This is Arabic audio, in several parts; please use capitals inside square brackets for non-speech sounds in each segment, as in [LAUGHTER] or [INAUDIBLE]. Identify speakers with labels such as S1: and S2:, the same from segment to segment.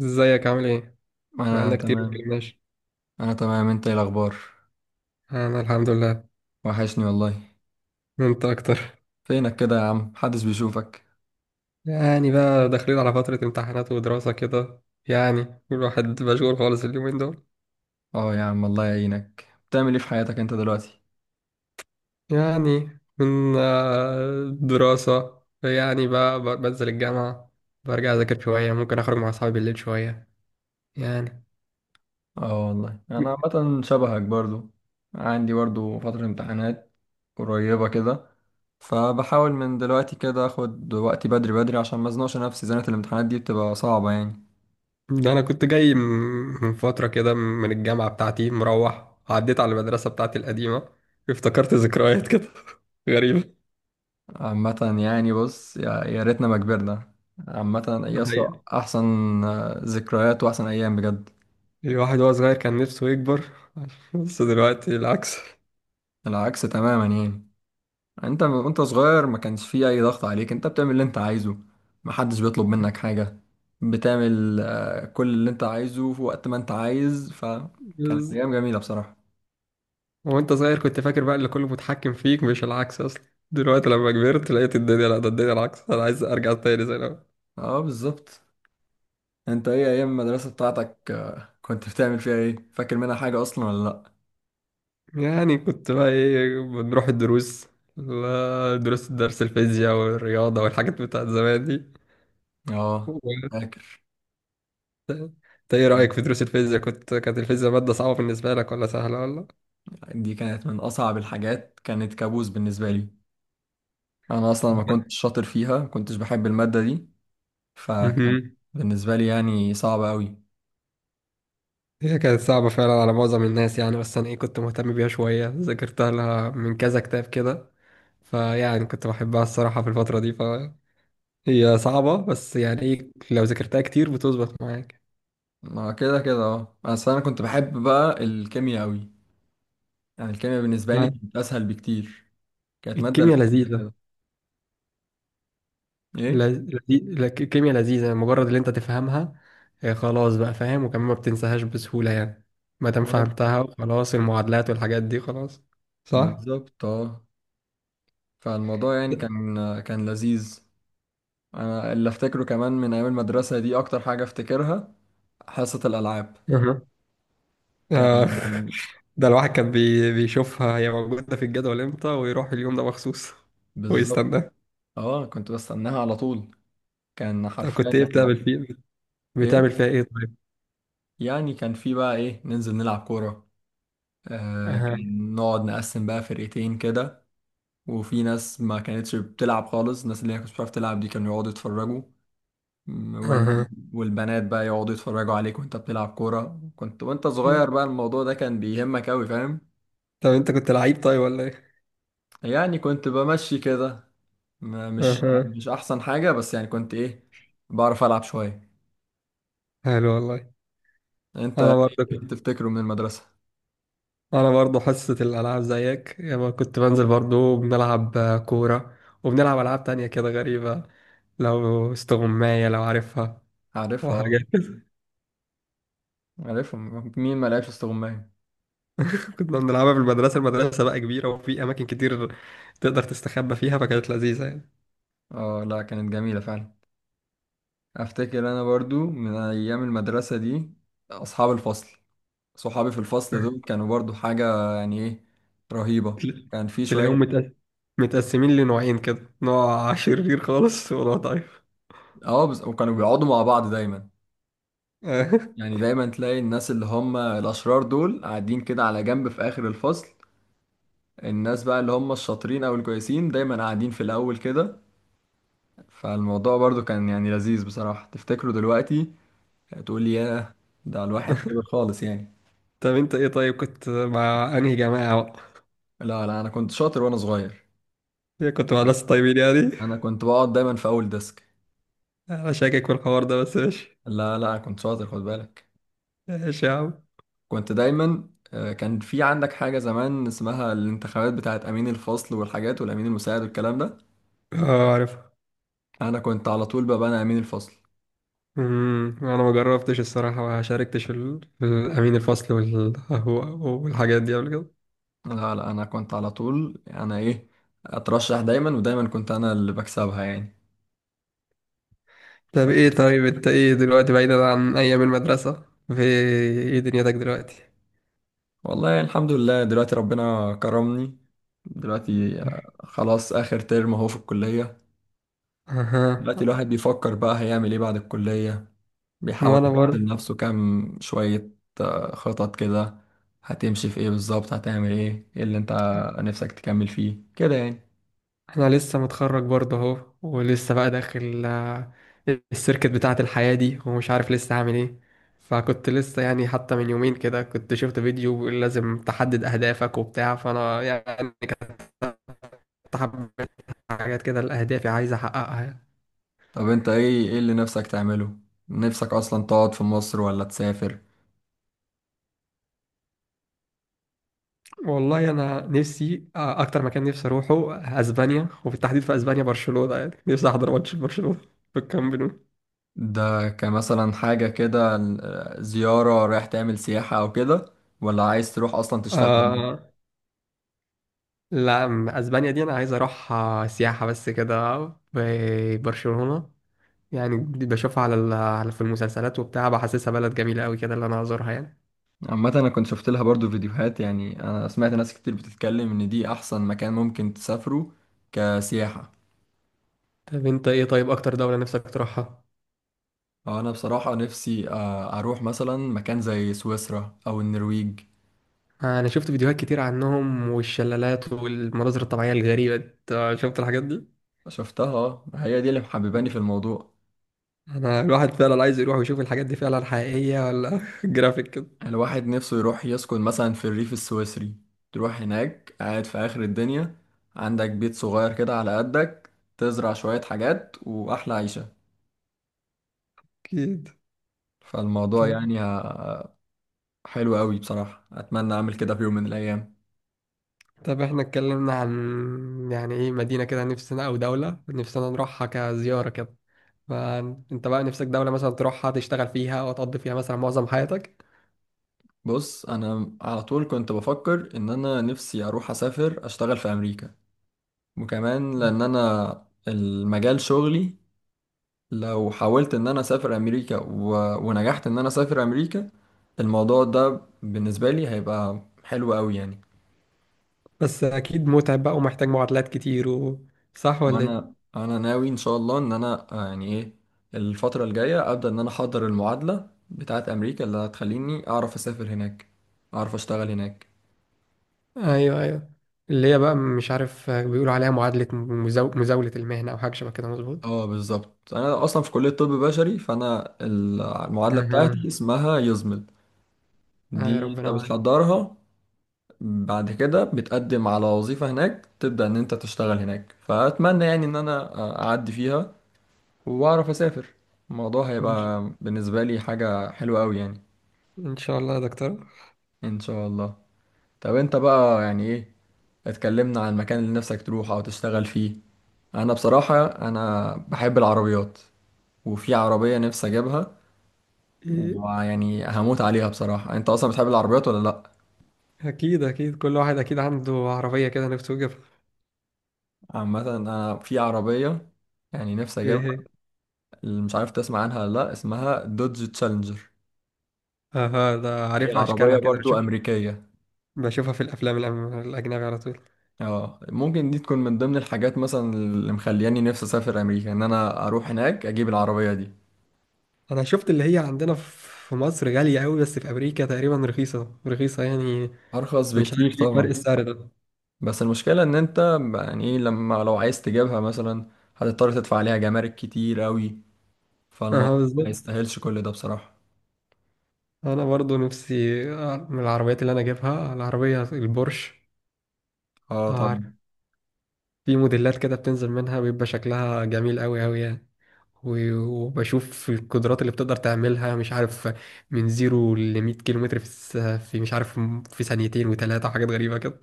S1: ازيك عامل ايه؟
S2: انا
S1: بقالنا كتير ما
S2: تمام
S1: اتكلمناش.
S2: انا تمام، انت ايه الاخبار؟
S1: انا الحمد لله.
S2: وحشني والله.
S1: انت اكتر.
S2: فينك كده يا عم؟ محدش بيشوفك.
S1: يعني بقى داخلين على فترة امتحانات ودراسة كده. يعني الواحد مشغول خالص اليومين دول.
S2: اه يا عم، الله يعينك. بتعمل ايه في حياتك انت دلوقتي؟
S1: يعني من دراسة. يعني بقى بنزل الجامعة. برجع اذاكر شوية، ممكن اخرج مع اصحابي بالليل شوية. يعني.
S2: اه والله، انا عامه شبهك برضو. عندي برضو فتره امتحانات قريبه كده. فبحاول من دلوقتي كده اخد وقتي بدري بدري عشان ما ازنقش نفسي. زنقه الامتحانات دي بتبقى صعبه يعني.
S1: ده انا كنت جاي من فترة كده من الجامعة بتاعتي، مروح عديت على المدرسة بتاعتي القديمة. افتكرت ذكريات كده. [LAUGHS] غريبة.
S2: عامه. يعني بص، يا ريتنا ما كبرنا. عامه،
S1: ده
S2: يا اسطى
S1: حقيقة.
S2: احسن. آه، ذكريات واحسن ايام بجد.
S1: الواحد وهو صغير كان نفسه يكبر. [LAUGHS] بس دلوقتي العكس.
S2: العكس تماما يعني وانت صغير ما كانش فيه اي ضغط عليك، انت بتعمل اللي انت عايزه. محدش بيطلب منك حاجة. بتعمل كل اللي انت عايزه في وقت ما انت عايز. فكانت
S1: بس-
S2: ايام جميلة بصراحة.
S1: وانت صغير كنت فاكر بقى اللي كله متحكم فيك، مش العكس اصلا. دلوقتي لما كبرت لقيت الدنيا، لا ده الدنيا العكس. انا عايز ارجع تاني زي الاول.
S2: اه بالظبط. انت ايه، ايام المدرسة بتاعتك كنت بتعمل فيها ايه؟ فاكر منها حاجة اصلا ولا لا؟
S1: يعني كنت بقى ايه؟ بنروح الدروس. لا دروس درس الفيزياء والرياضة والحاجات بتاعت زمان دي.
S2: اه،
S1: و-
S2: فاكر.
S1: انت ايه رأيك في دروس الفيزياء؟ كانت الفيزياء مادة صعبة بالنسبة لك ولا سهلة ولا
S2: دي كانت من اصعب الحاجات، كانت كابوس بالنسبة لي. انا اصلا ما كنتش شاطر فيها، ما كنتش بحب المادة دي. فكان
S1: مهم.
S2: بالنسبة لي يعني صعبة قوي.
S1: هي كانت صعبة فعلا على معظم الناس يعني. بس أنا إيه كنت مهتم بيها شوية، ذاكرتها لها من كذا كتاب كده. فيعني كنت بحبها الصراحة في الفترة دي. فهي صعبة، بس يعني إيه، لو ذاكرتها كتير بتظبط معاك.
S2: ما كده كده اه، بس انا كنت بحب بقى الكيمياء قوي. يعني الكيمياء بالنسبه لي
S1: آه.
S2: كانت اسهل بكتير. كانت ماده
S1: الكيمياء
S2: لذيذه
S1: لذيذة.
S2: كده. ايه.
S1: الكيمياء لذيذة مجرد اللي أنت تفهمها. خلاص بقى فاهم، وكمان ما بتنساهاش بسهولة يعني. ما دام
S2: آه،
S1: فهمتها وخلاص، المعادلات والحاجات دي خلاص. صح؟
S2: بالظبط اه. فالموضوع يعني كان لذيذ. انا اللي افتكره كمان من ايام المدرسه دي، اكتر حاجه افتكرها حصه الالعاب.
S1: أها. آه.
S2: كان.
S1: [LAUGHS] ده الواحد كان بيشوفها هي موجودة في الجدول امتى، ويروح اليوم ده مخصوص
S2: بالظبط
S1: ويستنى.
S2: اه، كنت بستناها على طول. كان
S1: طب كنت
S2: حرفيا
S1: ايه
S2: يعني.
S1: بتعمل
S2: ايه.
S1: فيها ايه طيب؟
S2: يعني كان في بقى ايه، ننزل نلعب كوره. آه،
S1: اها.
S2: كان نقعد نقسم بقى فرقتين كده. وفي ناس ما كانتش بتلعب خالص، الناس اللي هي كانت بتعرف تلعب دي كانوا يقعدوا يتفرجوا. م، وال...
S1: اها.
S2: والبنات بقى يقعدوا يتفرجوا عليك وانت بتلعب كورة. كنت وانت
S1: إيه؟
S2: صغير بقى الموضوع ده كان بيهمك أوي، فاهم؟
S1: طب انت كنت لعيب طيب ولا ايه؟
S2: يعني كنت بمشي كده. ما- مش
S1: اها.
S2: مش أحسن حاجة، بس يعني كنت إيه، بعرف ألعب شوية.
S1: حلو والله.
S2: انت
S1: انا
S2: ايه؟
S1: برضه
S2: إيه
S1: كنت-
S2: تفتكره من المدرسة؟
S1: انا برضه حصة الالعاب زيك. يعني كنت بنزل برضه بنلعب كورة، وبنلعب العاب تانية كده غريبة. لو استغماية، لو عارفها،
S2: عارفها اه.
S1: وحاجات كده.
S2: عارفها. مين ما لعبش استغماية؟
S1: [LAUGHS] كنا بنلعبها في المدرسة. المدرسة بقى كبيرة، وفي أماكن كتير تقدر تستخبى فيها، فكانت لذيذة يعني.
S2: اه لا، كانت جميلة فعلا. افتكر انا برضو من ايام المدرسة دي، اصحاب الفصل. صحابي في الفصل دول كانوا برضو حاجة يعني ايه، رهيبة.
S1: تل-
S2: كان في
S1: تلاقيهم
S2: شوية.
S1: متقسمين لنوعين كده: نوع شرير خالص ونوع ضعيف.
S2: اه بس، وكانوا بيقعدوا مع بعض دايما.
S1: [LAUGHS]
S2: يعني دايما تلاقي الناس اللي هم الأشرار دول قاعدين كده على جنب في آخر الفصل. الناس بقى اللي هم الشاطرين أو الكويسين دايما قاعدين في الأول كده. فالموضوع برضو كان يعني لذيذ بصراحة، تفتكره دلوقتي تقول لي ياه، ده الواحد كبر خالص يعني.
S1: طب انت ايه طيب، كنت مع انهي جماعة بقى؟
S2: لا لا، أنا كنت شاطر وأنا صغير.
S1: ايه، كنت مع ناس طيبين يعني؟
S2: أنا كنت بقعد دايما في أول ديسك.
S1: انا شاكك في الحوار ده، بس ماشي.
S2: لا لا، كنت شاطر خد بالك.
S1: ماشي يا عم.
S2: كنت دايما كان في عندك حاجة زمان اسمها الانتخابات بتاعت أمين الفصل والحاجات والأمين المساعد والكلام ده.
S1: اه عارف.
S2: أنا كنت على طول بقى أنا أمين الفصل.
S1: انا ما جربتش الصراحة، ما شاركتش في الامين الفصل والحاجات دي قبل كده.
S2: لا لا، أنا كنت على طول أنا إيه، أترشح دايما. ودايما كنت أنا اللي بكسبها يعني.
S1: طب ايه طيب، انت ايه دلوقتي بعيدا عن ايام المدرسة؟ في ايه دنيتك دلوقتي؟
S2: والله الحمد لله، دلوقتي ربنا كرمني. دلوقتي خلاص آخر ترم أهو في الكلية. دلوقتي
S1: اها.
S2: الواحد بيفكر بقى هيعمل إيه بعد الكلية. بيحاول
S1: وانا
S2: يحط
S1: برضه.
S2: لنفسه كام شوية خطط كده. هتمشي في ايه بالظبط؟ هتعمل ايه؟ ايه اللي انت نفسك تكمل فيه كده يعني؟
S1: انا لسه متخرج برضه اهو، ولسه بقى داخل السيركت بتاعة الحياة دي، ومش عارف لسه هعمل ايه. فكنت لسه يعني، حتى من يومين كده كنت شفت فيديو بيقول لازم تحدد اهدافك وبتاع، فانا يعني حبيت حاجات كده، الاهداف عايز احققها يعني.
S2: طب انت ايه؟ ايه اللي نفسك تعمله؟ نفسك اصلا تقعد في مصر ولا تسافر؟
S1: والله انا نفسي اكتر مكان نفسي اروحه اسبانيا، وبالتحديد في اسبانيا برشلونة. يعني نفسي احضر ماتش برشلونة في الكامب نو.
S2: ده كمثلا حاجة كده زيارة، رايح تعمل سياحة او كده، ولا عايز تروح اصلا تشتغل؟
S1: آه لا اسبانيا دي انا عايز اروحها سياحه بس كده، في برشلونه. يعني دي بشوفها على في المسلسلات وبتاع، بحسسها بلد جميله قوي كده اللي انا ازورها يعني.
S2: عامة انا كنت شفت لها برضو فيديوهات. يعني انا سمعت ناس كتير بتتكلم ان دي احسن مكان ممكن تسافره كسياحة.
S1: طب انت ايه طيب، اكتر دوله نفسك تروحها؟
S2: انا بصراحة نفسي اروح مثلا مكان زي سويسرا او النرويج.
S1: انا شفت فيديوهات كتير عنهم، والشلالات والمناظر الطبيعيه الغريبه دي. أنت شفت الحاجات دي؟
S2: شفتها، هي دي اللي محبباني في الموضوع.
S1: انا الواحد فعلا عايز يروح ويشوف الحاجات دي فعلا حقيقيه، ولا [LAUGHS] جرافيك كده.
S2: الواحد نفسه يروح يسكن مثلا في الريف السويسري. تروح هناك قاعد في اخر الدنيا، عندك بيت صغير كده على قدك، تزرع شوية حاجات، واحلى عيشة.
S1: اكيد.
S2: فالموضوع
S1: طب
S2: يعني حلو قوي بصراحة، اتمنى اعمل كده في يوم من الايام.
S1: طب احنا اتكلمنا عن يعني ايه مدينه كده نفسنا، او دوله نفسنا نروحها كزياره كده. فانت بقى نفسك دولة مثلا تروحها، تشتغل فيها وتقضي فيها مثلا معظم حياتك.
S2: بص، انا على طول كنت بفكر ان انا نفسي اروح اسافر اشتغل في امريكا. وكمان لان انا المجال شغلي، لو حاولت ان انا اسافر امريكا ونجحت ان انا اسافر امريكا، الموضوع ده بالنسبه لي هيبقى حلو قوي يعني.
S1: بس اكيد متعب بقى، ومحتاج معادلات كتير صح ولا ايه؟
S2: وانا ناوي ان شاء الله ان انا يعني ايه، الفتره الجايه ابدا ان انا احضر المعادله بتاعه امريكا اللي هتخليني اعرف اسافر هناك، اعرف اشتغل هناك.
S1: ايوه ايوه، اللي هي بقى مش عارف بيقولوا عليها معادلة مزاولة المهنة او حاجة شبه كده، مظبوط.
S2: اه بالظبط، انا اصلا في كليه طب بشري، فانا المعادله
S1: اها.
S2: بتاعتي اسمها يزمل.
S1: آه
S2: دي
S1: ربنا
S2: انت
S1: معاك.
S2: بتحضرها، بعد كده بتقدم على وظيفة هناك، تبدأ إن أنت تشتغل هناك. فأتمنى يعني إن أنا أعدي فيها، وأعرف أسافر. الموضوع
S1: ان ش-
S2: هيبقى بالنسبة لي حاجة حلوة أوي يعني.
S1: إن شاء الله يا دكتور.
S2: إن شاء الله. طب أنت بقى يعني إيه، اتكلمنا عن المكان اللي نفسك تروح أو تشتغل فيه. أنا بصراحة بحب العربيات، وفي عربية نفسي أجيبها
S1: إيه،
S2: ويعني هموت عليها بصراحة. أنت أصلا بتحب العربيات ولا لأ؟
S1: اكيد اكيد كل واحد اكيد عنده عربية كده نفسه يجيبها.
S2: عامة أنا في عربية يعني نفسي
S1: ايه
S2: أجيبها،
S1: إيه.
S2: اللي مش عارف تسمع عنها ولا لا، اسمها دوج تشالنجر.
S1: اها، ده
S2: هي
S1: عارف
S2: عربية
S1: اشكالها كده،
S2: برضو
S1: بشوف.
S2: أمريكية.
S1: بشوفها في الافلام الاجنبي على طول.
S2: اه، ممكن دي تكون من ضمن الحاجات مثلا اللي مخلياني نفسي أسافر أمريكا، إن أنا أروح هناك أجيب العربية دي.
S1: انا شفت اللي هي عندنا في مصر غالية قوي، بس في امريكا تقريبا رخيصة رخيصة يعني.
S2: أرخص
S1: مش
S2: بكتير
S1: عارف ليه فرق
S2: طبعا.
S1: السعر ده.
S2: بس المشكلة إن أنت يعني إيه، لما لو عايز تجيبها مثلا هتضطر تدفع عليها جمارك كتير أوي.
S1: اه
S2: فالموضوع ما
S1: بالظبط.
S2: يستاهلش كل ده بصراحة.
S1: انا برضو نفسي من العربيات اللي انا اجيبها العربية البورش.
S2: اه
S1: عارف
S2: طبعا.
S1: في موديلات كده بتنزل منها، بيبقى شكلها جميل قوي قوي يعني. و- وبشوف القدرات اللي بتقدر تعملها، مش عارف من زيرو ل 100 كيلو متر في مش عارف، في ثانيتين وثلاثة وحاجات غريبة كده.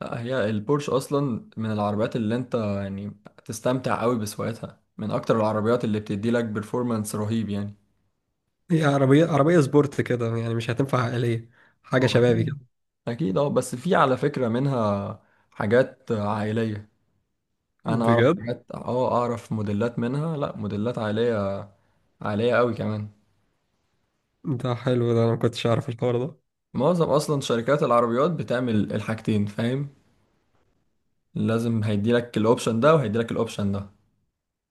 S2: لا، هي البورش أصلا من العربيات اللي أنت يعني تستمتع أوي بسواقتها، من أكتر العربيات اللي بتدي لك بيرفورمانس رهيب يعني.
S1: هي عربية سبورت كده، يعني مش هتنفع عائلية، حاجة
S2: اه
S1: شبابي كده.
S2: اكيد اكيد، اه بس في على فكرة منها حاجات عائلية. انا اعرف
S1: بجد؟
S2: حاجات، اه اعرف موديلات منها، لا موديلات عائلية. عائلية قوي كمان.
S1: ده حلو، ده انا ما كنتش اعرف الحوار ده.
S2: معظم اصلا شركات العربيات بتعمل الحاجتين، فاهم؟ لازم هيديلك الاوبشن ده وهيديلك الاوبشن ده.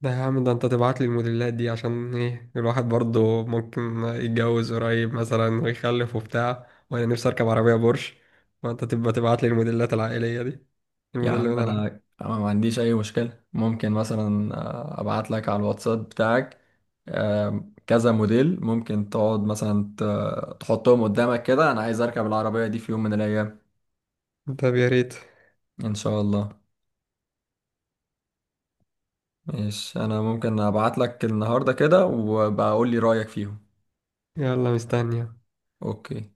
S1: ده يا عم، ده انت تبعت لي الموديلات دي عشان ايه، الواحد برضه ممكن يتجوز قريب مثلا ويخلف وبتاع، وانا نفسي اركب عربية بورش، فانت تبقى تبعت لي الموديلات العائلية دي،
S2: يا
S1: الموديل اللي
S2: عم،
S1: انا
S2: انا
S1: العائلي.
S2: انا ما عنديش اي مشكلة. ممكن مثلا ابعت لك على الواتساب بتاعك. كذا موديل، ممكن تقعد مثلا تحطهم قدامك كده. انا عايز اركب العربية دي في يوم من الايام.
S1: طب يا ريت.
S2: ان شاء الله. ماشي، انا ممكن ابعت لك النهارده كده وبقول لي رايك فيهم.
S1: يلا مستني.
S2: اوكي.